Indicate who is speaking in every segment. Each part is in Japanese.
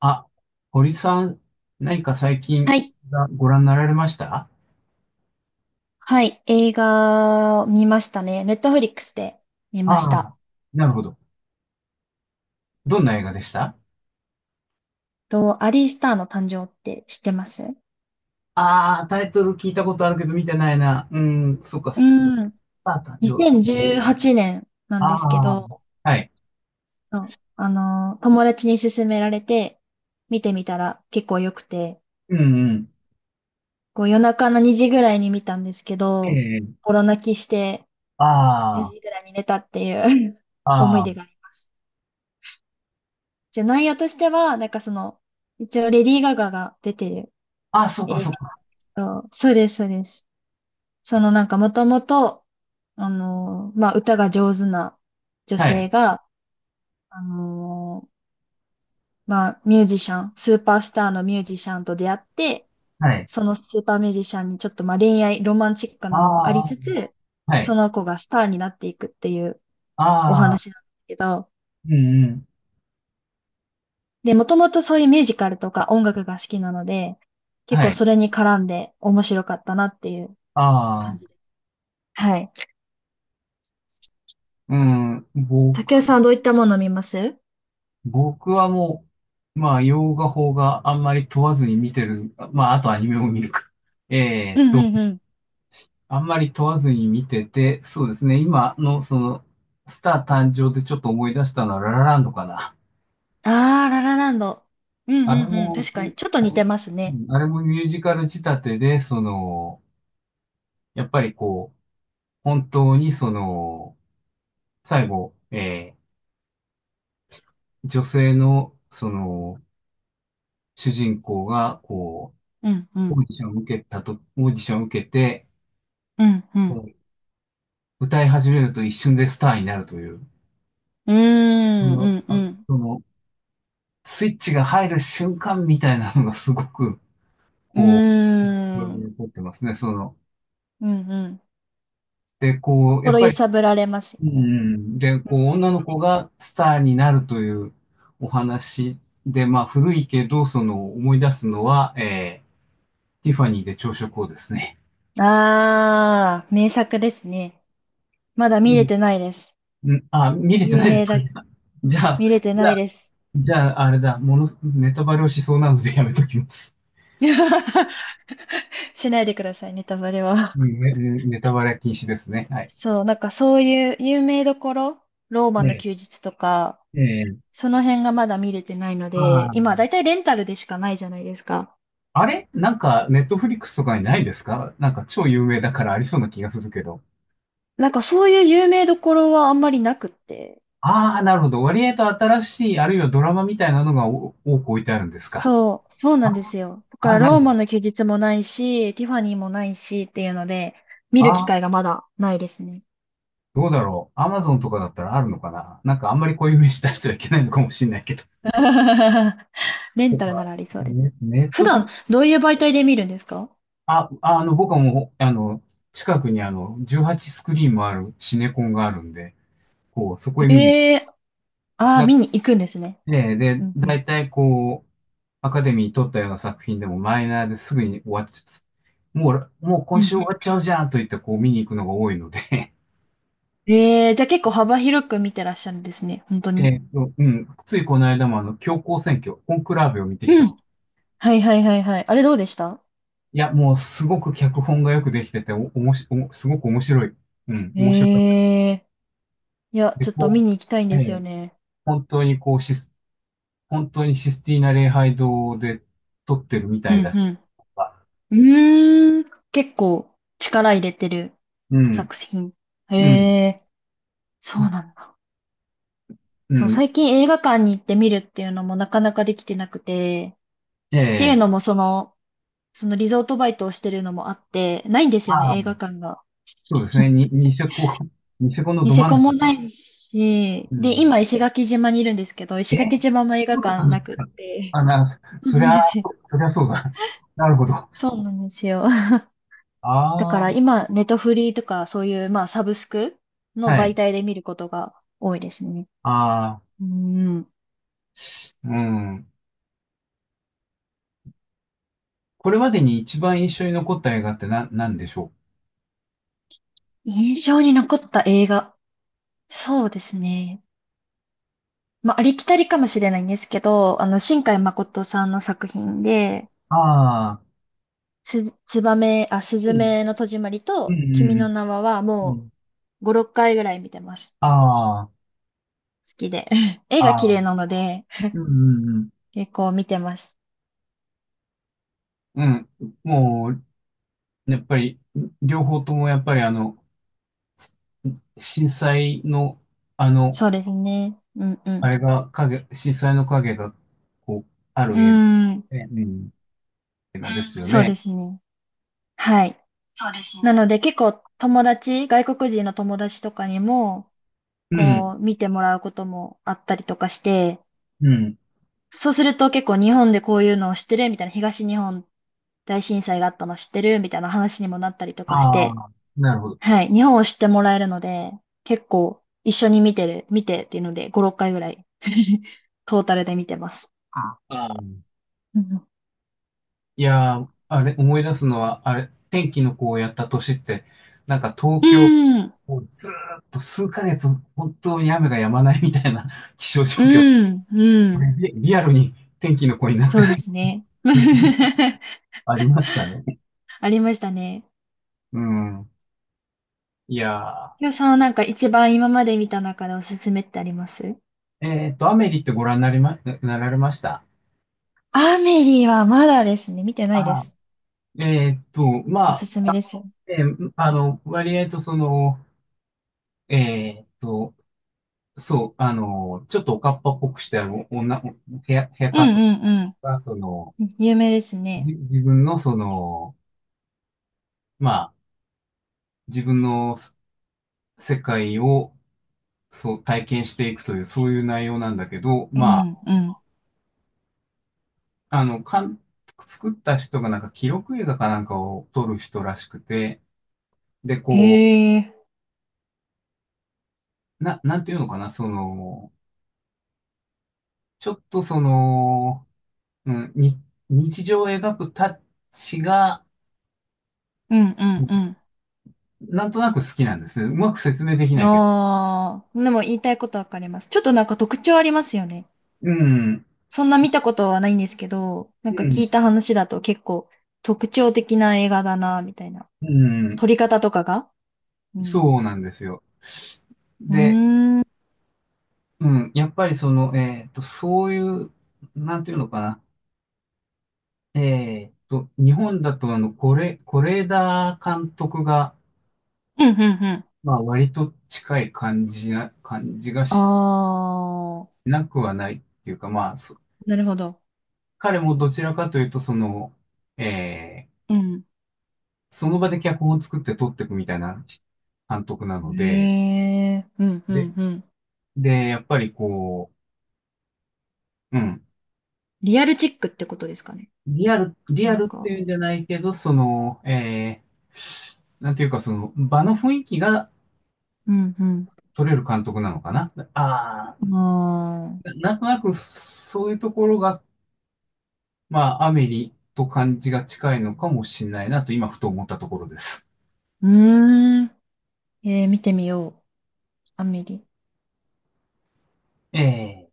Speaker 1: あ、堀さん、何か最近
Speaker 2: はい。
Speaker 1: ご覧になられました？
Speaker 2: はい。映画見ましたね。ネットフリックスで見まし
Speaker 1: ああ、
Speaker 2: た。
Speaker 1: なるほど。どんな映画でした？
Speaker 2: と、アリー・スターの誕生って知ってます？
Speaker 1: ああ、タイトル聞いたことあるけど見てないな。うん、そっか、
Speaker 2: う
Speaker 1: ス
Speaker 2: ん。
Speaker 1: ター誕生。
Speaker 2: 2018年な
Speaker 1: あ
Speaker 2: んですけ
Speaker 1: あ、
Speaker 2: ど、
Speaker 1: はい。
Speaker 2: そう。友達に勧められて、見てみたら結構良くて、
Speaker 1: うんうん。
Speaker 2: こう夜中の2時ぐらいに見たんですけ
Speaker 1: え
Speaker 2: ど、
Speaker 1: え、
Speaker 2: 心泣きして4
Speaker 1: ああ、
Speaker 2: 時ぐらいに寝たっていう 思い
Speaker 1: あ
Speaker 2: 出があります。じゃあ内容としては、なんかその、一応レディー・ガガが出てる
Speaker 1: あ、ああ、そっか
Speaker 2: 映
Speaker 1: そっ
Speaker 2: 画。
Speaker 1: か。
Speaker 2: そうそうです、そうです。そのなんかもともと、まあ歌が上手な女
Speaker 1: はい、
Speaker 2: 性が、あのーまあミュージシャン、スーパースターのミュージシャンと出会って、
Speaker 1: はい。
Speaker 2: そのスーパーミュージシャンにちょっとまあ恋愛、ロマンチック
Speaker 1: あ
Speaker 2: なのもあり
Speaker 1: あ、
Speaker 2: つつ、
Speaker 1: は
Speaker 2: そ
Speaker 1: い。
Speaker 2: の子がスターになっていくっていうお
Speaker 1: あ
Speaker 2: 話
Speaker 1: あ、
Speaker 2: なんですけど、
Speaker 1: うんうん。
Speaker 2: で、もともとそういうミュージカルとか音楽が好きなので、結
Speaker 1: は
Speaker 2: 構
Speaker 1: い。
Speaker 2: それに絡んで面白かったなっていう
Speaker 1: あ
Speaker 2: 感じ
Speaker 1: あ、
Speaker 2: です。はい。
Speaker 1: うん、
Speaker 2: 竹谷さ
Speaker 1: 僕
Speaker 2: んはどういったものを見ます？
Speaker 1: 僕はもう、まあ、洋画邦画あんまり問わずに見てる。まあ、あとアニメも見るか。えー
Speaker 2: う
Speaker 1: っ
Speaker 2: ん
Speaker 1: と、
Speaker 2: うんうん。
Speaker 1: あんまり問わずに見てて、そうですね。今のその、スター誕生でちょっと思い出したのはララランドかな。
Speaker 2: ああ、ララランド。うん
Speaker 1: あれ
Speaker 2: うんうん。
Speaker 1: も、
Speaker 2: 確かに。ちょっと
Speaker 1: あ
Speaker 2: 似
Speaker 1: れ
Speaker 2: てます
Speaker 1: う
Speaker 2: ね。
Speaker 1: んあれもミュージカル仕立てで、その、やっぱりこう、本当にその、最後、女性の、その、主人公が、こ
Speaker 2: うんう
Speaker 1: う、オ
Speaker 2: ん。
Speaker 1: ーディションを受けたと、オーディションを受けて、
Speaker 2: うんうん。
Speaker 1: 歌い始めると一瞬でスターになるという、
Speaker 2: うー
Speaker 1: そ
Speaker 2: んう
Speaker 1: の、
Speaker 2: んうん。
Speaker 1: その、スイッチが入る瞬間みたいなのがすごく、こ
Speaker 2: うー
Speaker 1: う、に
Speaker 2: ん。
Speaker 1: 残ってますね、その。
Speaker 2: うんうん。
Speaker 1: で、こう、やっ
Speaker 2: 心
Speaker 1: ぱ
Speaker 2: 揺
Speaker 1: り、
Speaker 2: さぶられますよ
Speaker 1: うん
Speaker 2: ね。
Speaker 1: うん、で、こう、
Speaker 2: うん
Speaker 1: 女の
Speaker 2: う
Speaker 1: 子がスターになるというお話で、まあ、古いけど、その、思い出すのは、ティファニーで朝食をですね。
Speaker 2: ん。ああ、名作ですね。まだ見れてないです。
Speaker 1: うん。見れて
Speaker 2: 有
Speaker 1: ないで
Speaker 2: 名
Speaker 1: すか？
Speaker 2: だ。
Speaker 1: じゃあ、
Speaker 2: 見れて
Speaker 1: じゃ
Speaker 2: ない
Speaker 1: あ、
Speaker 2: です。
Speaker 1: じゃあ、あれだ、もの、ネタバレをしそうなのでやめときます。
Speaker 2: しないでくださいね、ネタバレは。
Speaker 1: ねネタバレ禁止ですね。はい。
Speaker 2: そう、なんかそういう有名どころ、ローマ
Speaker 1: え
Speaker 2: の
Speaker 1: え、
Speaker 2: 休日とか、
Speaker 1: ええ、
Speaker 2: その辺がまだ見れてないの
Speaker 1: あ
Speaker 2: で、今
Speaker 1: ー
Speaker 2: だいたいレンタルでしかないじゃないですか。
Speaker 1: あれなんか、ネットフリックスとかにないですか？なんか超有名だからありそうな気がするけど。
Speaker 2: なんかそういう有名どころはあんまりなくって。
Speaker 1: ああ、なるほど。割合と新しい、あるいはドラマみたいなのがお多く置いてあるんですか？
Speaker 2: そう、そうなんで
Speaker 1: あ
Speaker 2: すよ。だから
Speaker 1: あ、な
Speaker 2: ロ
Speaker 1: る
Speaker 2: ー
Speaker 1: ほど。
Speaker 2: マの休日もないし、ティファニーもないしっていうので、見る機
Speaker 1: ああ、
Speaker 2: 会がまだないですね。
Speaker 1: どうだろう。アマゾンとかだったらあるのかな、なんかあんまりこういう名刺出してはいけないのかもしれないけど。
Speaker 2: レン
Speaker 1: と
Speaker 2: タルな
Speaker 1: か、
Speaker 2: らありそうです。
Speaker 1: ねネッ
Speaker 2: 普
Speaker 1: トフリ、
Speaker 2: 段どういう媒体で見るんですか？
Speaker 1: あ、あの、僕はもう、あの、近くにあの、18スクリーンもあるシネコンがあるんで、こう、そこへ見に
Speaker 2: ええー、ああ、
Speaker 1: だ、
Speaker 2: 見に行くんですね。
Speaker 1: で、
Speaker 2: う
Speaker 1: で、
Speaker 2: んうん。
Speaker 1: 大体こう、アカデミー取ったような作品でもマイナーですぐに終わっちゃう。もう
Speaker 2: う
Speaker 1: 今
Speaker 2: んう
Speaker 1: 週終
Speaker 2: ん。
Speaker 1: わっちゃうじゃんと言ってこう見に行くのが多いので。
Speaker 2: ええー、じゃあ結構幅広く見てらっしゃるんですね。本当 に。
Speaker 1: うん、ついこの間もあの、教皇選挙、コンクラーベを見て
Speaker 2: う
Speaker 1: きたと。
Speaker 2: ん。はいはいはいはい。あれどうでした？
Speaker 1: いや、もうすごく脚本がよくできてて、お、おもし、おすごく面白い。うん、面白かった。
Speaker 2: ええ、いや、
Speaker 1: で、
Speaker 2: ちょっと見
Speaker 1: こ
Speaker 2: に行きたいん
Speaker 1: う、
Speaker 2: ですよね。
Speaker 1: 本当にこうシス、本当にシスティーナ礼拝堂で撮ってるみ
Speaker 2: う
Speaker 1: たいだ
Speaker 2: ん
Speaker 1: とか、
Speaker 2: うん。うーん。結構力入れてる
Speaker 1: うん、
Speaker 2: 作品。へ
Speaker 1: うん、
Speaker 2: え、そうなんだ。
Speaker 1: う
Speaker 2: そう、
Speaker 1: ん、
Speaker 2: 最近映画館に行って見るっていうのもなかなかできてなくて、っていう
Speaker 1: え
Speaker 2: の
Speaker 1: え、
Speaker 2: もその、そのリゾートバイトをしてるのもあって、ないんですよね、映画館が。
Speaker 1: そうですね。に、ニセコ、ニセコの
Speaker 2: ニ
Speaker 1: ど
Speaker 2: セ
Speaker 1: 真ん
Speaker 2: コ
Speaker 1: 中。
Speaker 2: もないし、
Speaker 1: う
Speaker 2: で、
Speaker 1: ん。
Speaker 2: 今石垣島にいるんですけど、石垣
Speaker 1: え
Speaker 2: 島も映画館
Speaker 1: 何
Speaker 2: なくっ
Speaker 1: か？
Speaker 2: て。
Speaker 1: あ、な、そ
Speaker 2: そう
Speaker 1: そ
Speaker 2: な
Speaker 1: り
Speaker 2: ん
Speaker 1: ゃ、
Speaker 2: ですよ。
Speaker 1: そ、そりゃそうだ。なるほど。あ
Speaker 2: そうなんですよ。だから
Speaker 1: あ、
Speaker 2: 今、ネットフリーとかそういう、まあ、サブスクの
Speaker 1: はい。
Speaker 2: 媒体で見ることが多いですね。
Speaker 1: ああ、
Speaker 2: うん。
Speaker 1: うん。これまでに一番印象に残った映画って何でしょ
Speaker 2: 印象に残った映画。そうですね。まあ、ありきたりかもしれないんですけど、あの、新海誠さんの作品で、
Speaker 1: う？ああ、
Speaker 2: す、つばめ、あ、す
Speaker 1: う
Speaker 2: ず
Speaker 1: ん。
Speaker 2: めの戸締まり
Speaker 1: うん
Speaker 2: と、君
Speaker 1: う
Speaker 2: の
Speaker 1: ん
Speaker 2: 名は
Speaker 1: うん。う
Speaker 2: も
Speaker 1: ん。
Speaker 2: う5、6回ぐらい見てます。
Speaker 1: あ
Speaker 2: 好きで。絵
Speaker 1: あ、
Speaker 2: が綺
Speaker 1: ああ、
Speaker 2: 麗なので、
Speaker 1: うんうん
Speaker 2: 結構見てます。
Speaker 1: うん。うん。もう、やっぱり、両方ともやっぱりあの、震災の、あの、
Speaker 2: そうですね。うんう
Speaker 1: あ
Speaker 2: ん。
Speaker 1: れが影、震災の影が、こう、あ
Speaker 2: うー
Speaker 1: る映画、
Speaker 2: ん。
Speaker 1: ね、うん、映画ですよ
Speaker 2: そう
Speaker 1: ね。
Speaker 2: ですね。はい。なので結構友達、外国人の友達とかにも、
Speaker 1: うん。
Speaker 2: こう見てもらうこともあったりとかして、
Speaker 1: うん。
Speaker 2: そうすると結構日本でこういうのを知ってるみたいな、東日本大震災があったの知ってるみたいな話にもなったりとかし
Speaker 1: あ
Speaker 2: て、
Speaker 1: あ、なるほど。
Speaker 2: はい、日本を知ってもらえるので、結構一緒に見てる、見てっていうので5、6回ぐらい トータルで見てます。あ、
Speaker 1: あー
Speaker 2: うん
Speaker 1: いやー、あれ、思い出すのは、あれ、天気の子をやった年って、なんか東
Speaker 2: う
Speaker 1: 京、
Speaker 2: ん、
Speaker 1: もうずーっと数ヶ月、本当に雨が止まないみたいな 気象状
Speaker 2: う
Speaker 1: 況。
Speaker 2: ん、う
Speaker 1: こ
Speaker 2: ん、
Speaker 1: れリアルに天気の子になっ
Speaker 2: そ
Speaker 1: て
Speaker 2: うで すね。
Speaker 1: ありましたね。
Speaker 2: ありましたね。
Speaker 1: うん。いや
Speaker 2: 今日さんはなんか一番今まで見た中でおすすめってあります？
Speaker 1: ー、アメリってご覧になられました？
Speaker 2: アメリはまだですね、見てないで
Speaker 1: あ
Speaker 2: す。
Speaker 1: ま
Speaker 2: お
Speaker 1: あ、
Speaker 2: すすめですよ。
Speaker 1: あの、割合とその、えーっと、そう、あの、ちょっとおかっぱっぽくした女、ヘア、ヘア
Speaker 2: う
Speaker 1: カ
Speaker 2: ん
Speaker 1: ット
Speaker 2: うんうん。
Speaker 1: が、その、
Speaker 2: うん、有名ですね。
Speaker 1: 自分のその、まあ、自分の世界を、そう、体験していくという、そういう内容なんだけど、
Speaker 2: う
Speaker 1: まあ、
Speaker 2: んうん。
Speaker 1: あの、作った人がなんか記録映画かなんかを撮る人らしくて、で、
Speaker 2: へ
Speaker 1: こ
Speaker 2: え。
Speaker 1: う、なんていうのかな、その、ちょっとその、うん、日常を描くタッチが、
Speaker 2: うんう
Speaker 1: うん
Speaker 2: ん
Speaker 1: なんとなく好きなんですね。うまく説明でき
Speaker 2: うん。
Speaker 1: ないけど。
Speaker 2: ああ。でも言いたいことわかります。ちょっとなんか特徴ありますよね。
Speaker 1: うん、
Speaker 2: そんな見たことはないんですけど、な
Speaker 1: う
Speaker 2: んか聞
Speaker 1: ん、
Speaker 2: いた話だと結構特徴的な映画だな、みたいな。
Speaker 1: うん、
Speaker 2: 撮り方とかが、うん。
Speaker 1: そうなんですよ。
Speaker 2: うー
Speaker 1: で、
Speaker 2: ん。うん
Speaker 1: うん、やっぱりその、そういう、なんていうのかな。日本だとあの、これ、是枝監督が、
Speaker 2: うんうん。
Speaker 1: まあ、割と近い感じが
Speaker 2: あ
Speaker 1: し
Speaker 2: あ。
Speaker 1: なくはないっていうか、まあ、
Speaker 2: なるほど。
Speaker 1: 彼もどちらかというと、その、えー
Speaker 2: うん。
Speaker 1: その場で脚本を作って撮っていくみたいな監督なので、
Speaker 2: へえ、うんう
Speaker 1: で、
Speaker 2: んうん。
Speaker 1: で、やっぱりこう、うん、
Speaker 2: リアルチックってことですかね。
Speaker 1: リア
Speaker 2: なん
Speaker 1: ルっ
Speaker 2: か、
Speaker 1: ていうんじゃないけど、その、なんていうかその場の雰囲気が
Speaker 2: うん
Speaker 1: 取れる監督なのかな。ああ、
Speaker 2: うん。ああ、
Speaker 1: なんとなくそういうところが、まあ、アメリと感じが近いのかもしれないなと今ふと思ったところです。
Speaker 2: うーん。えー、見てみよう。アメリ。
Speaker 1: え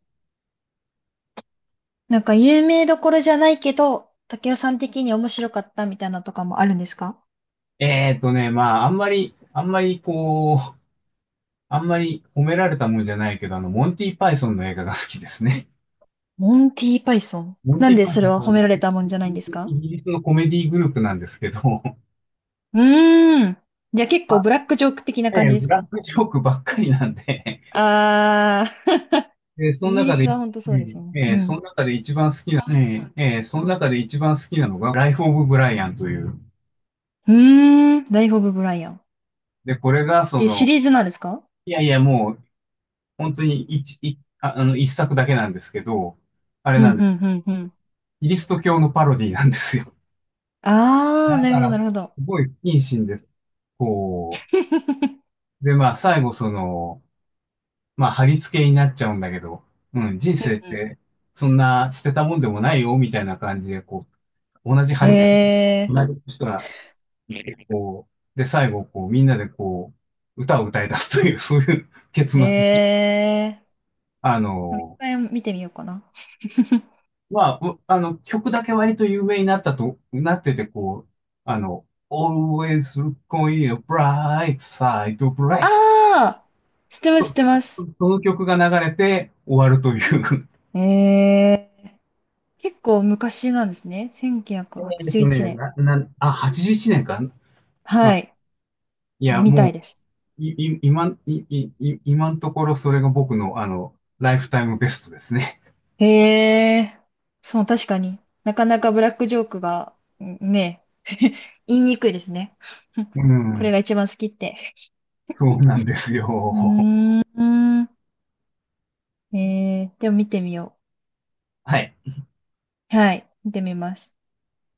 Speaker 2: なんか有名どころじゃないけど、竹雄さん的に面白かったみたいなのとかもあるんですか？
Speaker 1: まあ、あんまり、あんまりこう、あんまり褒められたもんじゃないけど、あの、モンティ・パイソンの映画が好きですね。
Speaker 2: モンティーパイソン。
Speaker 1: モン
Speaker 2: なん
Speaker 1: ティ・
Speaker 2: で
Speaker 1: パイ
Speaker 2: それ
Speaker 1: ソン
Speaker 2: は
Speaker 1: とい
Speaker 2: 褒
Speaker 1: うの
Speaker 2: め
Speaker 1: は、
Speaker 2: られたもんじゃないんですか？
Speaker 1: イギリスのコメディグループなんですけど、
Speaker 2: うーん。じゃあ結
Speaker 1: ま
Speaker 2: 構
Speaker 1: あ、
Speaker 2: ブラックジョーク的な感じで
Speaker 1: ブ
Speaker 2: す
Speaker 1: ラッ
Speaker 2: か？
Speaker 1: クジョークばっかりなんで、
Speaker 2: ああー、
Speaker 1: でその
Speaker 2: イギリ
Speaker 1: 中で、
Speaker 2: スは本当そうですよね。う
Speaker 1: そ
Speaker 2: ん。
Speaker 1: の中で一番好きな、その中で一番好きなのが、ライフ・オブ・ブライアンという。
Speaker 2: うーん。ライフ・オブ・ブライアン。
Speaker 1: で、これが、そ
Speaker 2: ていうシ
Speaker 1: の、
Speaker 2: リーズなんですか？
Speaker 1: いやいや、もう、本当に一、一ああの、一作だけなんですけど、あれ
Speaker 2: うん、
Speaker 1: な
Speaker 2: う
Speaker 1: ん
Speaker 2: ん、
Speaker 1: です。
Speaker 2: うん、うん。
Speaker 1: キリスト教のパロディなんですよ。
Speaker 2: あー、
Speaker 1: だ
Speaker 2: なる
Speaker 1: か
Speaker 2: ほど、
Speaker 1: ら、
Speaker 2: なる
Speaker 1: す
Speaker 2: ほど。
Speaker 1: ごい不謹慎です。こ う、で、まあ、最後、その、まあ、貼り付けになっちゃうんだけど、うん、人
Speaker 2: う
Speaker 1: 生っ
Speaker 2: ん、
Speaker 1: て、そんな捨てたもんでもないよ、みたいな感じで、こう、同じ貼り付け、
Speaker 2: ええ
Speaker 1: なる人が、こう、で、最後、こう、みんなで、こう、歌を歌い出すという、そういう結
Speaker 2: ー、
Speaker 1: 末に。
Speaker 2: ええ
Speaker 1: あ
Speaker 2: ー。もう一
Speaker 1: の、
Speaker 2: 回見てみようかな。
Speaker 1: まあ、あの、曲だけ割と有名になってて、こう、あの、Always look on your bright side of life、
Speaker 2: あー、知ってます、知ってます。
Speaker 1: その曲が流れて終わるという。
Speaker 2: ええー、結構昔なんですね。1981
Speaker 1: えっとね、
Speaker 2: 年。
Speaker 1: な、な、あ、81年か。あ、
Speaker 2: はい、
Speaker 1: いや、
Speaker 2: みたい
Speaker 1: も
Speaker 2: です。
Speaker 1: う、い、い、今、い、い、い今のところそれが僕の、あの、ライフタイムベストですね。
Speaker 2: へえー、そう、確かになかなかブラックジョークが、んね、言いにくいですね。
Speaker 1: う
Speaker 2: これ
Speaker 1: ん。
Speaker 2: が一番好きって。
Speaker 1: そうなんですよ。
Speaker 2: う ーん。えー、でも見てみよ
Speaker 1: はい。
Speaker 2: う。はい、見てみます。